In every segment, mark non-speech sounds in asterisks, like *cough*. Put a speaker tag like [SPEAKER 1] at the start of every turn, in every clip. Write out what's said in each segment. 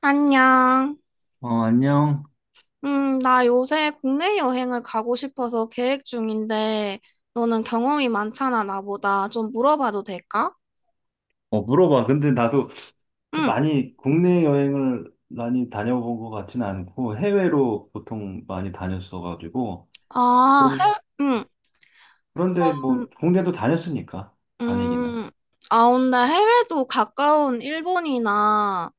[SPEAKER 1] 안녕.
[SPEAKER 2] 어, 안녕.
[SPEAKER 1] 나 요새 국내 여행을 가고 싶어서 계획 중인데, 너는 경험이 많잖아, 나보다. 좀 물어봐도 될까?
[SPEAKER 2] 어, 물어봐. 근데 나도
[SPEAKER 1] 응.
[SPEAKER 2] 많이 국내 여행을 많이 다녀본 것 같지는 않고 해외로 보통 많이 다녔어가지고
[SPEAKER 1] 아,
[SPEAKER 2] 그런
[SPEAKER 1] 응.
[SPEAKER 2] 그런데
[SPEAKER 1] 음,
[SPEAKER 2] 뭐 국내도 다녔으니까 다니기는.
[SPEAKER 1] 음. 아, 근데 해외도 가까운 일본이나,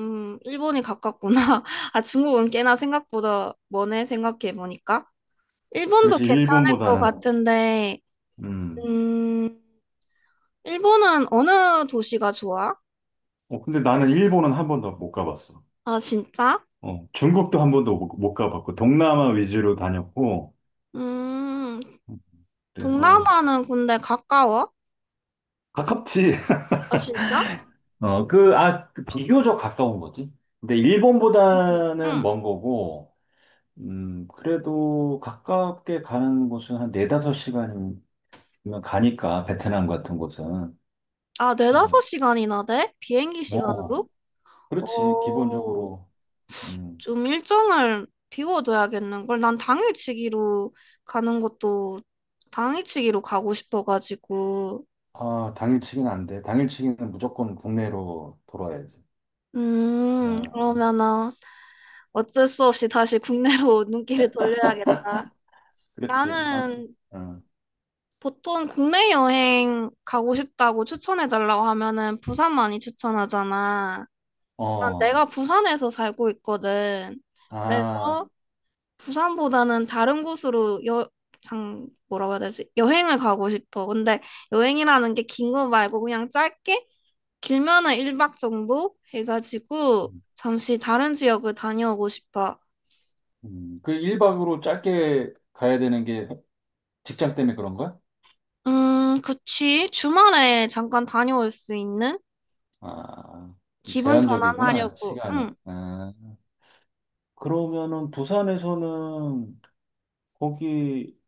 [SPEAKER 1] 일본이 가깝구나. *laughs* 아, 중국은 꽤나 생각보다 머네, 생각해보니까. 일본도
[SPEAKER 2] 그렇지,
[SPEAKER 1] 괜찮을 것
[SPEAKER 2] 일본보다는
[SPEAKER 1] 같은데,
[SPEAKER 2] 음.
[SPEAKER 1] 음, 일본은 어느 도시가 좋아?
[SPEAKER 2] 어, 근데 나는 일본은 한 번도 못 가봤어.
[SPEAKER 1] 아, 진짜?
[SPEAKER 2] 어, 중국도 한 번도 못 가봤고 동남아 위주로 다녔고
[SPEAKER 1] 음,
[SPEAKER 2] 그래서
[SPEAKER 1] 동남아는 근데 가까워?
[SPEAKER 2] 가깝지.
[SPEAKER 1] 아, 진짜?
[SPEAKER 2] *laughs* 비교적 가까운 거지. 근데
[SPEAKER 1] 응.
[SPEAKER 2] 일본보다는
[SPEAKER 1] 응.
[SPEAKER 2] 먼 거고. 그래도 가깝게 가는 곳은 한 네다섯 시간이면 가니까, 베트남 같은 곳은.
[SPEAKER 1] 아,
[SPEAKER 2] 뭐,
[SPEAKER 1] 네다섯 시간이나 돼? 비행기
[SPEAKER 2] 뭐,
[SPEAKER 1] 시간으로?
[SPEAKER 2] 그렇지,
[SPEAKER 1] 오,
[SPEAKER 2] 기본적으로. 음,
[SPEAKER 1] 좀 일정을 비워둬야겠는걸. 난 당일치기로 가는 것도 당일치기로 가고 싶어가지고.
[SPEAKER 2] 아, 당일치기는 안 돼. 당일치기는 무조건 국내로 돌아야지. 어,
[SPEAKER 1] 그러면은 어쩔 수 없이 다시 국내로 *laughs* 눈길을 돌려야겠다.
[SPEAKER 2] 그렇지. 아,
[SPEAKER 1] 나는
[SPEAKER 2] 어,
[SPEAKER 1] 보통 국내 여행 가고 싶다고 추천해달라고 하면은 부산 많이 추천하잖아. 난
[SPEAKER 2] 어,
[SPEAKER 1] 내가 부산에서 살고 있거든.
[SPEAKER 2] 아,
[SPEAKER 1] 그래서 부산보다는 다른 곳으로 뭐라고 해야 되지? 여행을 가고 싶어. 근데 여행이라는 게 긴 거 말고 그냥 짧게? 길면은 1박 정도 해가지고
[SPEAKER 2] 음,
[SPEAKER 1] 잠시 다른 지역을 다녀오고 싶어.
[SPEAKER 2] 1박으로 짧게 가야 되는 게 직장 때문에 그런 거야?
[SPEAKER 1] 그치. 주말에 잠깐 다녀올 수 있는?
[SPEAKER 2] 아, 좀
[SPEAKER 1] 기분
[SPEAKER 2] 제한적이구나,
[SPEAKER 1] 전환하려고.
[SPEAKER 2] 시간이.
[SPEAKER 1] 응.
[SPEAKER 2] 아, 그러면은 부산에서는 거기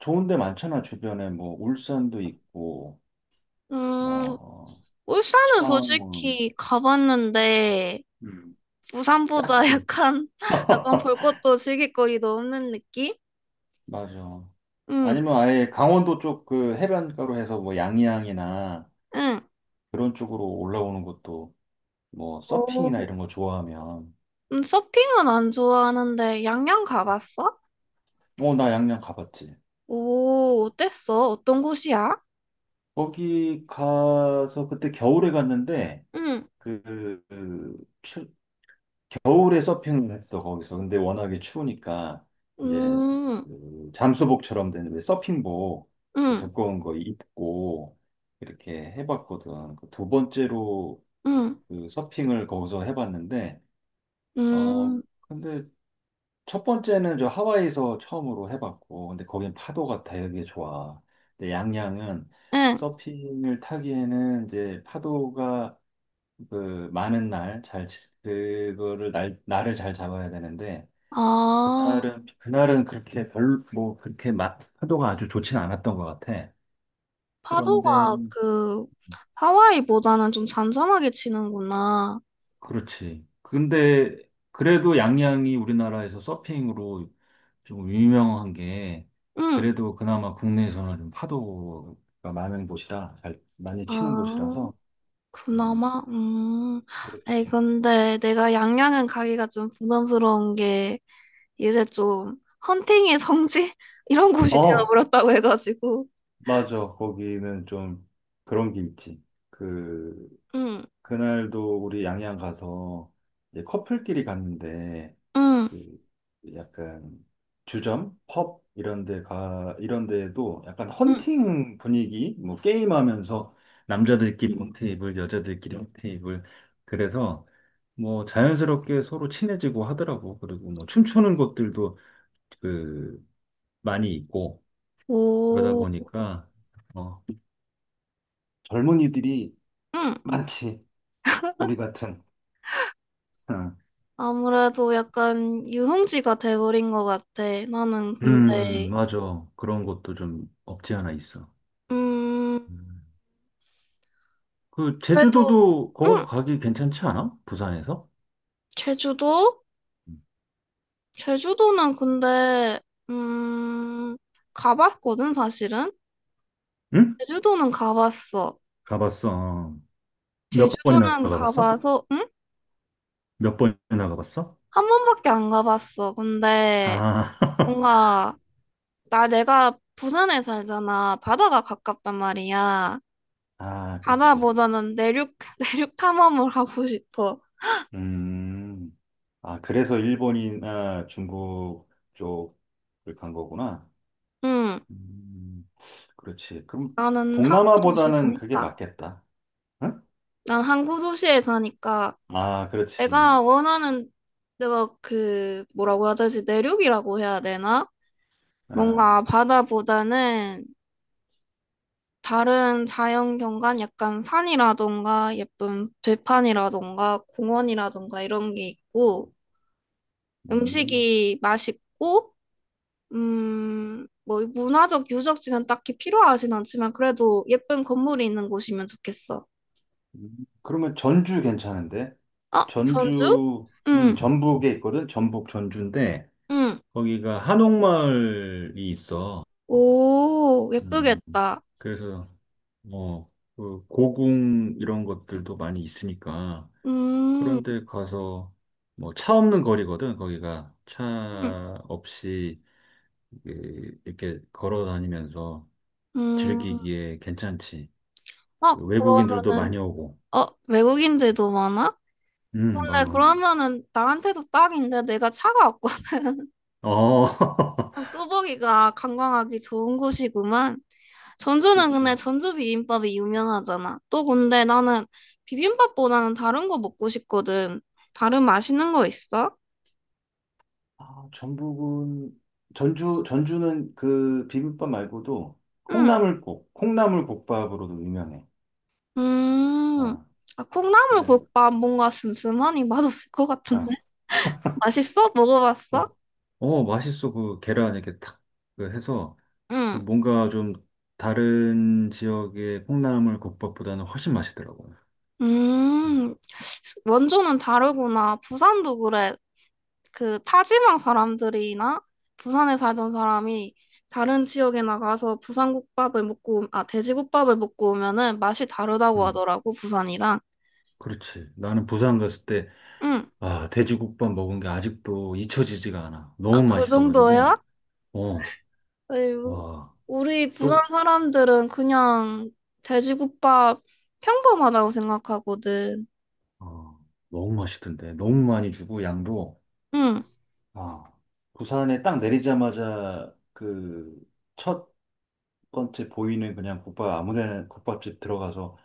[SPEAKER 2] 좋은 데 많잖아, 주변에. 뭐, 울산도 있고,
[SPEAKER 1] 음,
[SPEAKER 2] 뭐,
[SPEAKER 1] 울산은
[SPEAKER 2] 창원,
[SPEAKER 1] 솔직히 가봤는데,
[SPEAKER 2] 음.
[SPEAKER 1] 부산보다
[SPEAKER 2] 짝지.
[SPEAKER 1] 약간 *laughs*
[SPEAKER 2] *laughs*
[SPEAKER 1] 약간 볼 것도 즐길거리도 없는 느낌?
[SPEAKER 2] 맞아.
[SPEAKER 1] 응,
[SPEAKER 2] 아니면 아예 강원도 쪽 그 해변가로 해서 뭐, 양양이나
[SPEAKER 1] 응.
[SPEAKER 2] 그런 쪽으로 올라오는 것도 뭐, 서핑이나
[SPEAKER 1] 오,
[SPEAKER 2] 이런 거 좋아하면.
[SPEAKER 1] 서핑은 안 좋아하는데 양양 가봤어?
[SPEAKER 2] 어, 나 양양 가봤지.
[SPEAKER 1] 오, 어땠어? 어떤 곳이야?
[SPEAKER 2] 거기 가서 그때 겨울에 갔는데,
[SPEAKER 1] 응,
[SPEAKER 2] 그, 그 추, 겨울에 서핑을 했어 거기서. 근데 워낙에 추우니까 이제
[SPEAKER 1] 음,
[SPEAKER 2] 그 잠수복처럼 된 왜 서핑복, 그
[SPEAKER 1] 응,
[SPEAKER 2] 두꺼운 거 입고 이렇게 해봤거든, 그두 번째로
[SPEAKER 1] 응,
[SPEAKER 2] 그 서핑을 거기서 해봤는데.
[SPEAKER 1] 응,
[SPEAKER 2] 근데 첫 번째는 저 하와이에서 처음으로 해봤고, 근데 거긴 파도가 되게 좋아. 근데 양양은
[SPEAKER 1] 응.
[SPEAKER 2] 서핑을 타기에는 이제 파도가 그 많은 날 잘 그거를 날 날을 잘 잡아야 되는데,
[SPEAKER 1] 아,
[SPEAKER 2] 그날은 그렇게 별로 뭐 그렇게 파도가 아주 좋진 않았던 것 같아. 그런데
[SPEAKER 1] 파도가 그 하와이보다는 좀 잔잔하게 치는구나.
[SPEAKER 2] 그렇지. 근데 그래도 양양이 우리나라에서 서핑으로 좀 유명한 게,
[SPEAKER 1] 응,
[SPEAKER 2] 그래도 그나마 국내에서는 좀 파도가 많은 곳이라, 잘 많이 치는
[SPEAKER 1] 아.
[SPEAKER 2] 곳이라서. 음,
[SPEAKER 1] 그나마? 음.
[SPEAKER 2] 그렇지.
[SPEAKER 1] 에이, 근데 내가 양양은 가기가 좀 부담스러운 게 이제 좀 헌팅의 성지? *laughs* 이런 곳이
[SPEAKER 2] 어,
[SPEAKER 1] 되어버렸다고 해가지고.
[SPEAKER 2] 맞아. 거기는 좀 그런 게 있지. 그
[SPEAKER 1] 응,
[SPEAKER 2] 그날도 우리 양양 가서 이제 커플끼리 갔는데,
[SPEAKER 1] 응,
[SPEAKER 2] 그 약간 주점, 펍 이런 이런 데에도 약간
[SPEAKER 1] 응.
[SPEAKER 2] 헌팅 분위기, 뭐 게임하면서 남자들끼리 테이블, 여자들끼리 테이블. 그래서 뭐 자연스럽게 서로 친해지고 하더라고. 그리고 뭐 춤추는 것들도 그 많이 있고. 그러다
[SPEAKER 1] 오,
[SPEAKER 2] 보니까 어, 젊은이들이
[SPEAKER 1] 응.
[SPEAKER 2] 많지. 우리 같은. 응.
[SPEAKER 1] 아무래도 약간 유흥지가 돼버린 것 같아. 나는 근데,
[SPEAKER 2] 맞아. 그런 것도 좀 없지 않아 있어.
[SPEAKER 1] 음,
[SPEAKER 2] 음.
[SPEAKER 1] 그래도,
[SPEAKER 2] 제주도도 거기서
[SPEAKER 1] 응.
[SPEAKER 2] 가기 괜찮지 않아? 부산에서?
[SPEAKER 1] 제주도? 제주도는 근데, 음, 가봤거든, 사실은?
[SPEAKER 2] 응?
[SPEAKER 1] 제주도는 가봤어.
[SPEAKER 2] 가봤어. 어. 몇 번이나
[SPEAKER 1] 제주도는
[SPEAKER 2] 가봤어?
[SPEAKER 1] 가봐서, 응?
[SPEAKER 2] 몇 번이나 가봤어?
[SPEAKER 1] 한 번밖에 안 가봤어. 근데
[SPEAKER 2] 아, *laughs*
[SPEAKER 1] 뭔가, 나 내가 부산에 살잖아. 바다가 가깝단 말이야.
[SPEAKER 2] 아, 그렇지.
[SPEAKER 1] 바다보다는 내륙, *laughs* 내륙 탐험을 하고 싶어.
[SPEAKER 2] 음, 아, 그래서 일본이나 중국 쪽을 간 거구나.
[SPEAKER 1] 응.
[SPEAKER 2] 음, 그렇지. 그럼
[SPEAKER 1] 나는 항구 도시에
[SPEAKER 2] 동남아보다는 그게
[SPEAKER 1] 사니까.
[SPEAKER 2] 맞겠다. 응?
[SPEAKER 1] 난 항구 도시에 사니까
[SPEAKER 2] 아, 그렇지.
[SPEAKER 1] 내가 원하는, 내가 그, 뭐라고 해야 되지? 내륙이라고 해야 되나?
[SPEAKER 2] 아,
[SPEAKER 1] 뭔가 바다보다는 다른 자연경관, 약간 산이라던가 예쁜 들판이라던가 공원이라던가 이런 게 있고
[SPEAKER 2] 음.
[SPEAKER 1] 음식이 맛있고 뭐 문화적 유적지는 딱히 필요하진 않지만 그래도 예쁜 건물이 있는 곳이면 좋겠어.
[SPEAKER 2] 음, 그러면 전주 괜찮은데?
[SPEAKER 1] 어, 전주?
[SPEAKER 2] 전주,
[SPEAKER 1] 응,
[SPEAKER 2] 전북에 있거든? 전북 전주인데,
[SPEAKER 1] 응.
[SPEAKER 2] 거기가 한옥마을이 있어.
[SPEAKER 1] 오,
[SPEAKER 2] 음,
[SPEAKER 1] 예쁘겠다.
[SPEAKER 2] 그래서, 어, 그 고궁 이런 것들도 많이 있으니까.
[SPEAKER 1] 음,
[SPEAKER 2] 그런데 가서, 뭐, 차 없는 거리거든, 거기가.
[SPEAKER 1] 음,
[SPEAKER 2] 차 없이, 이렇게 걸어 다니면서
[SPEAKER 1] 음.
[SPEAKER 2] 즐기기에 괜찮지.
[SPEAKER 1] 어,
[SPEAKER 2] 외국인들도
[SPEAKER 1] 그러면은
[SPEAKER 2] 많이 오고.
[SPEAKER 1] 어, 외국인들도 많아? 근데
[SPEAKER 2] 많어.
[SPEAKER 1] 그러면은 나한테도 딱인데 내가 차가 없고
[SPEAKER 2] 어. *laughs*
[SPEAKER 1] 뚜벅이가 관광하기 좋은 곳이구만. 전주는 근데
[SPEAKER 2] 그렇지.
[SPEAKER 1] 전주 비빔밥이 유명하잖아. 또 근데 나는 비빔밥보다는 다른 거 먹고 싶거든. 다른 맛있는 거 있어?
[SPEAKER 2] 아, 전북은 전주는 그 비빔밥 말고도
[SPEAKER 1] 응.
[SPEAKER 2] 콩나물국밥으로도 유명해.
[SPEAKER 1] 음.
[SPEAKER 2] 아,
[SPEAKER 1] 아,
[SPEAKER 2] 그래.
[SPEAKER 1] 콩나물국밥 뭔가 슴슴하니 맛없을 것 같은데.
[SPEAKER 2] 아,
[SPEAKER 1] 맛있어? 먹어봤어?
[SPEAKER 2] 어, 어, 맛있어. 그 계란 이렇게 탁, 그 해서,
[SPEAKER 1] 응.
[SPEAKER 2] 뭔가 좀 다른 지역의 콩나물 국밥보다는 훨씬 맛있더라고. 음,
[SPEAKER 1] 음. 원조는 다르구나. 부산도 그래. 그 타지방 사람들이나 부산에 살던 사람이 다른 지역에 나가서 부산국밥을 먹고, 아, 돼지국밥을 먹고 오면은 맛이 다르다고
[SPEAKER 2] 음,
[SPEAKER 1] 하더라고, 부산이랑.
[SPEAKER 2] 그렇지. 나는 부산 갔을 때,
[SPEAKER 1] 응,
[SPEAKER 2] 아, 돼지국밥 먹은 게 아직도 잊혀지지가 않아.
[SPEAKER 1] 아,
[SPEAKER 2] 너무
[SPEAKER 1] 그 정도야?
[SPEAKER 2] 맛있어가지고, 어,
[SPEAKER 1] 에휴,
[SPEAKER 2] 와.
[SPEAKER 1] 우리 부산
[SPEAKER 2] 또
[SPEAKER 1] 사람들은 그냥 돼지국밥 평범하다고 생각하거든.
[SPEAKER 2] 어, 너무 맛있던데. 너무 많이 주고, 양도.
[SPEAKER 1] 응,
[SPEAKER 2] 아, 부산에 딱 내리자마자 첫 번째 보이는 그냥 국밥, 아무 데나 국밥집 들어가서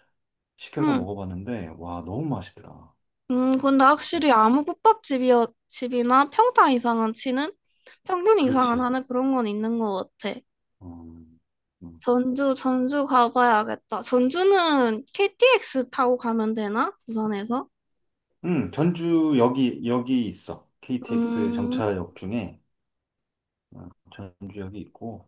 [SPEAKER 2] 시켜서
[SPEAKER 1] 응.
[SPEAKER 2] 먹어봤는데, 와, 너무 맛있더라.
[SPEAKER 1] 근데
[SPEAKER 2] 진짜.
[SPEAKER 1] 확실히 아무 집이나 평타 이상은 치는, 평균 이상은
[SPEAKER 2] 그렇지.
[SPEAKER 1] 하는 그런 건 있는 것 같아.
[SPEAKER 2] 음, 음.
[SPEAKER 1] 전주, 전주 가봐야겠다. 전주는 KTX 타고 가면 되나? 부산에서?
[SPEAKER 2] 전주 여기 있어. KTX
[SPEAKER 1] 음,
[SPEAKER 2] 정차역 중에 어, 전주역이 있고.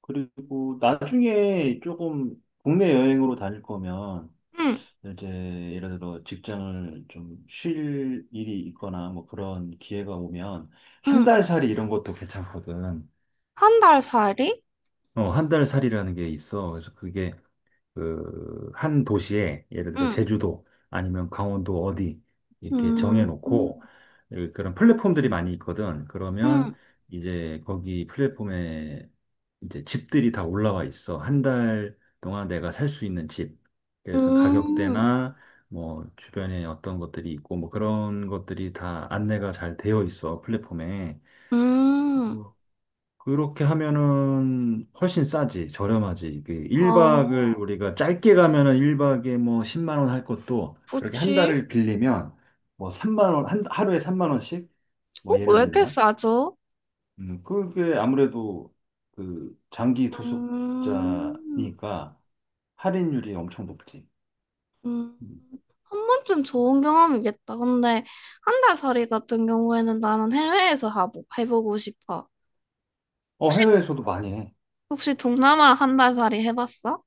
[SPEAKER 2] 그리고 나중에 조금 국내 여행으로 다닐 거면
[SPEAKER 1] 응,
[SPEAKER 2] 이제 예를 들어 직장을 좀 쉴 일이 있거나 뭐 그런 기회가 오면 한
[SPEAKER 1] 응.
[SPEAKER 2] 달 살이 이런 것도 괜찮거든.
[SPEAKER 1] 한 달 살이?
[SPEAKER 2] 한 달 살이라는 게 있어. 그래서 그게 그 한 도시에 예를 들어
[SPEAKER 1] 응,
[SPEAKER 2] 제주도 아니면 강원도 어디 이렇게
[SPEAKER 1] 음, 음,
[SPEAKER 2] 정해놓고, 예, 그런 플랫폼들이 많이 있거든. 그러면
[SPEAKER 1] 음,
[SPEAKER 2] 이제 거기 플랫폼에 이제 집들이 다 올라와 있어. 한 달 동안 내가 살 수 있는 집. 그래서
[SPEAKER 1] 음,
[SPEAKER 2] 가격대나 뭐 주변에 어떤 것들이 있고 뭐 그런 것들이 다 안내가 잘 되어 있어, 플랫폼에.
[SPEAKER 1] 음.
[SPEAKER 2] 그렇게 하면은 훨씬 싸지, 저렴하지. 이게 1박을
[SPEAKER 1] 어,
[SPEAKER 2] 우리가 짧게 가면은 1박에 뭐 10만 원 할 것도 그렇게 한
[SPEAKER 1] 그치?
[SPEAKER 2] 달을 빌리면 뭐 3만 원, 하루에 3만 원씩?
[SPEAKER 1] 어,
[SPEAKER 2] 뭐 예를
[SPEAKER 1] 왜 이렇게
[SPEAKER 2] 들면.
[SPEAKER 1] 싸죠?
[SPEAKER 2] 그게 아무래도 그 장기
[SPEAKER 1] 음,
[SPEAKER 2] 투숙자니까 할인율이 엄청 높지.
[SPEAKER 1] 음.
[SPEAKER 2] 음.
[SPEAKER 1] 한 번쯤 좋은 경험이겠다. 근데 한 달 살이 같은 경우에는 나는 해외에서 하고 해보고 싶어.
[SPEAKER 2] 어,
[SPEAKER 1] 혹시,
[SPEAKER 2] 해외에서도 많이 해.
[SPEAKER 1] 혹시 동남아 한 달 살이 해봤어?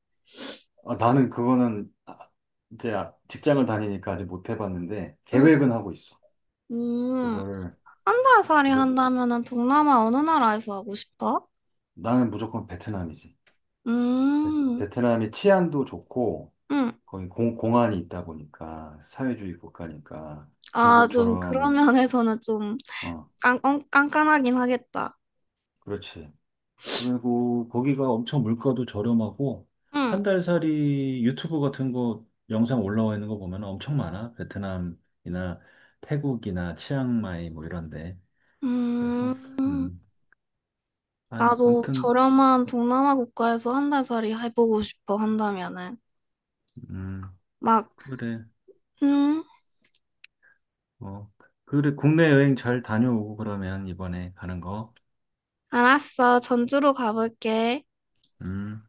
[SPEAKER 2] 아, 나는 그거는 이제 직장을 다니니까 아직 못 해봤는데 계획은 하고 있어.
[SPEAKER 1] 음,
[SPEAKER 2] 그거를
[SPEAKER 1] 한달살이 한다면은 동남아 어느 나라에서 하고 싶어?
[SPEAKER 2] 나는 무조건 베트남이지. 베,
[SPEAKER 1] 음,
[SPEAKER 2] 베트남이 치안도 좋고,
[SPEAKER 1] 음.
[SPEAKER 2] 거기 공안이 있다 보니까, 사회주의 국가니까,
[SPEAKER 1] 아, 좀 그런
[SPEAKER 2] 중국처럼,
[SPEAKER 1] 면에서는 좀
[SPEAKER 2] 어,
[SPEAKER 1] 깐깐하긴 하겠다.
[SPEAKER 2] 그렇지. 그리고 거기가 엄청 물가도 저렴하고
[SPEAKER 1] 음,
[SPEAKER 2] 한 달살이 유튜브 같은 거 영상 올라와 있는 거 보면 엄청 많아. 베트남이나 태국이나 치앙마이 뭐 이런데. 그래서
[SPEAKER 1] 음.
[SPEAKER 2] 음. 아,
[SPEAKER 1] 나도
[SPEAKER 2] 아무튼
[SPEAKER 1] 저렴한 동남아 국가에서 한 달살이 해보고 싶어, 한다면은.
[SPEAKER 2] 음.
[SPEAKER 1] 막,
[SPEAKER 2] 그래.
[SPEAKER 1] 음,
[SPEAKER 2] 뭐 그래 국내 여행 잘 다녀오고 그러면, 이번에 가는 거.
[SPEAKER 1] 알았어. 전주로 가볼게.
[SPEAKER 2] 음.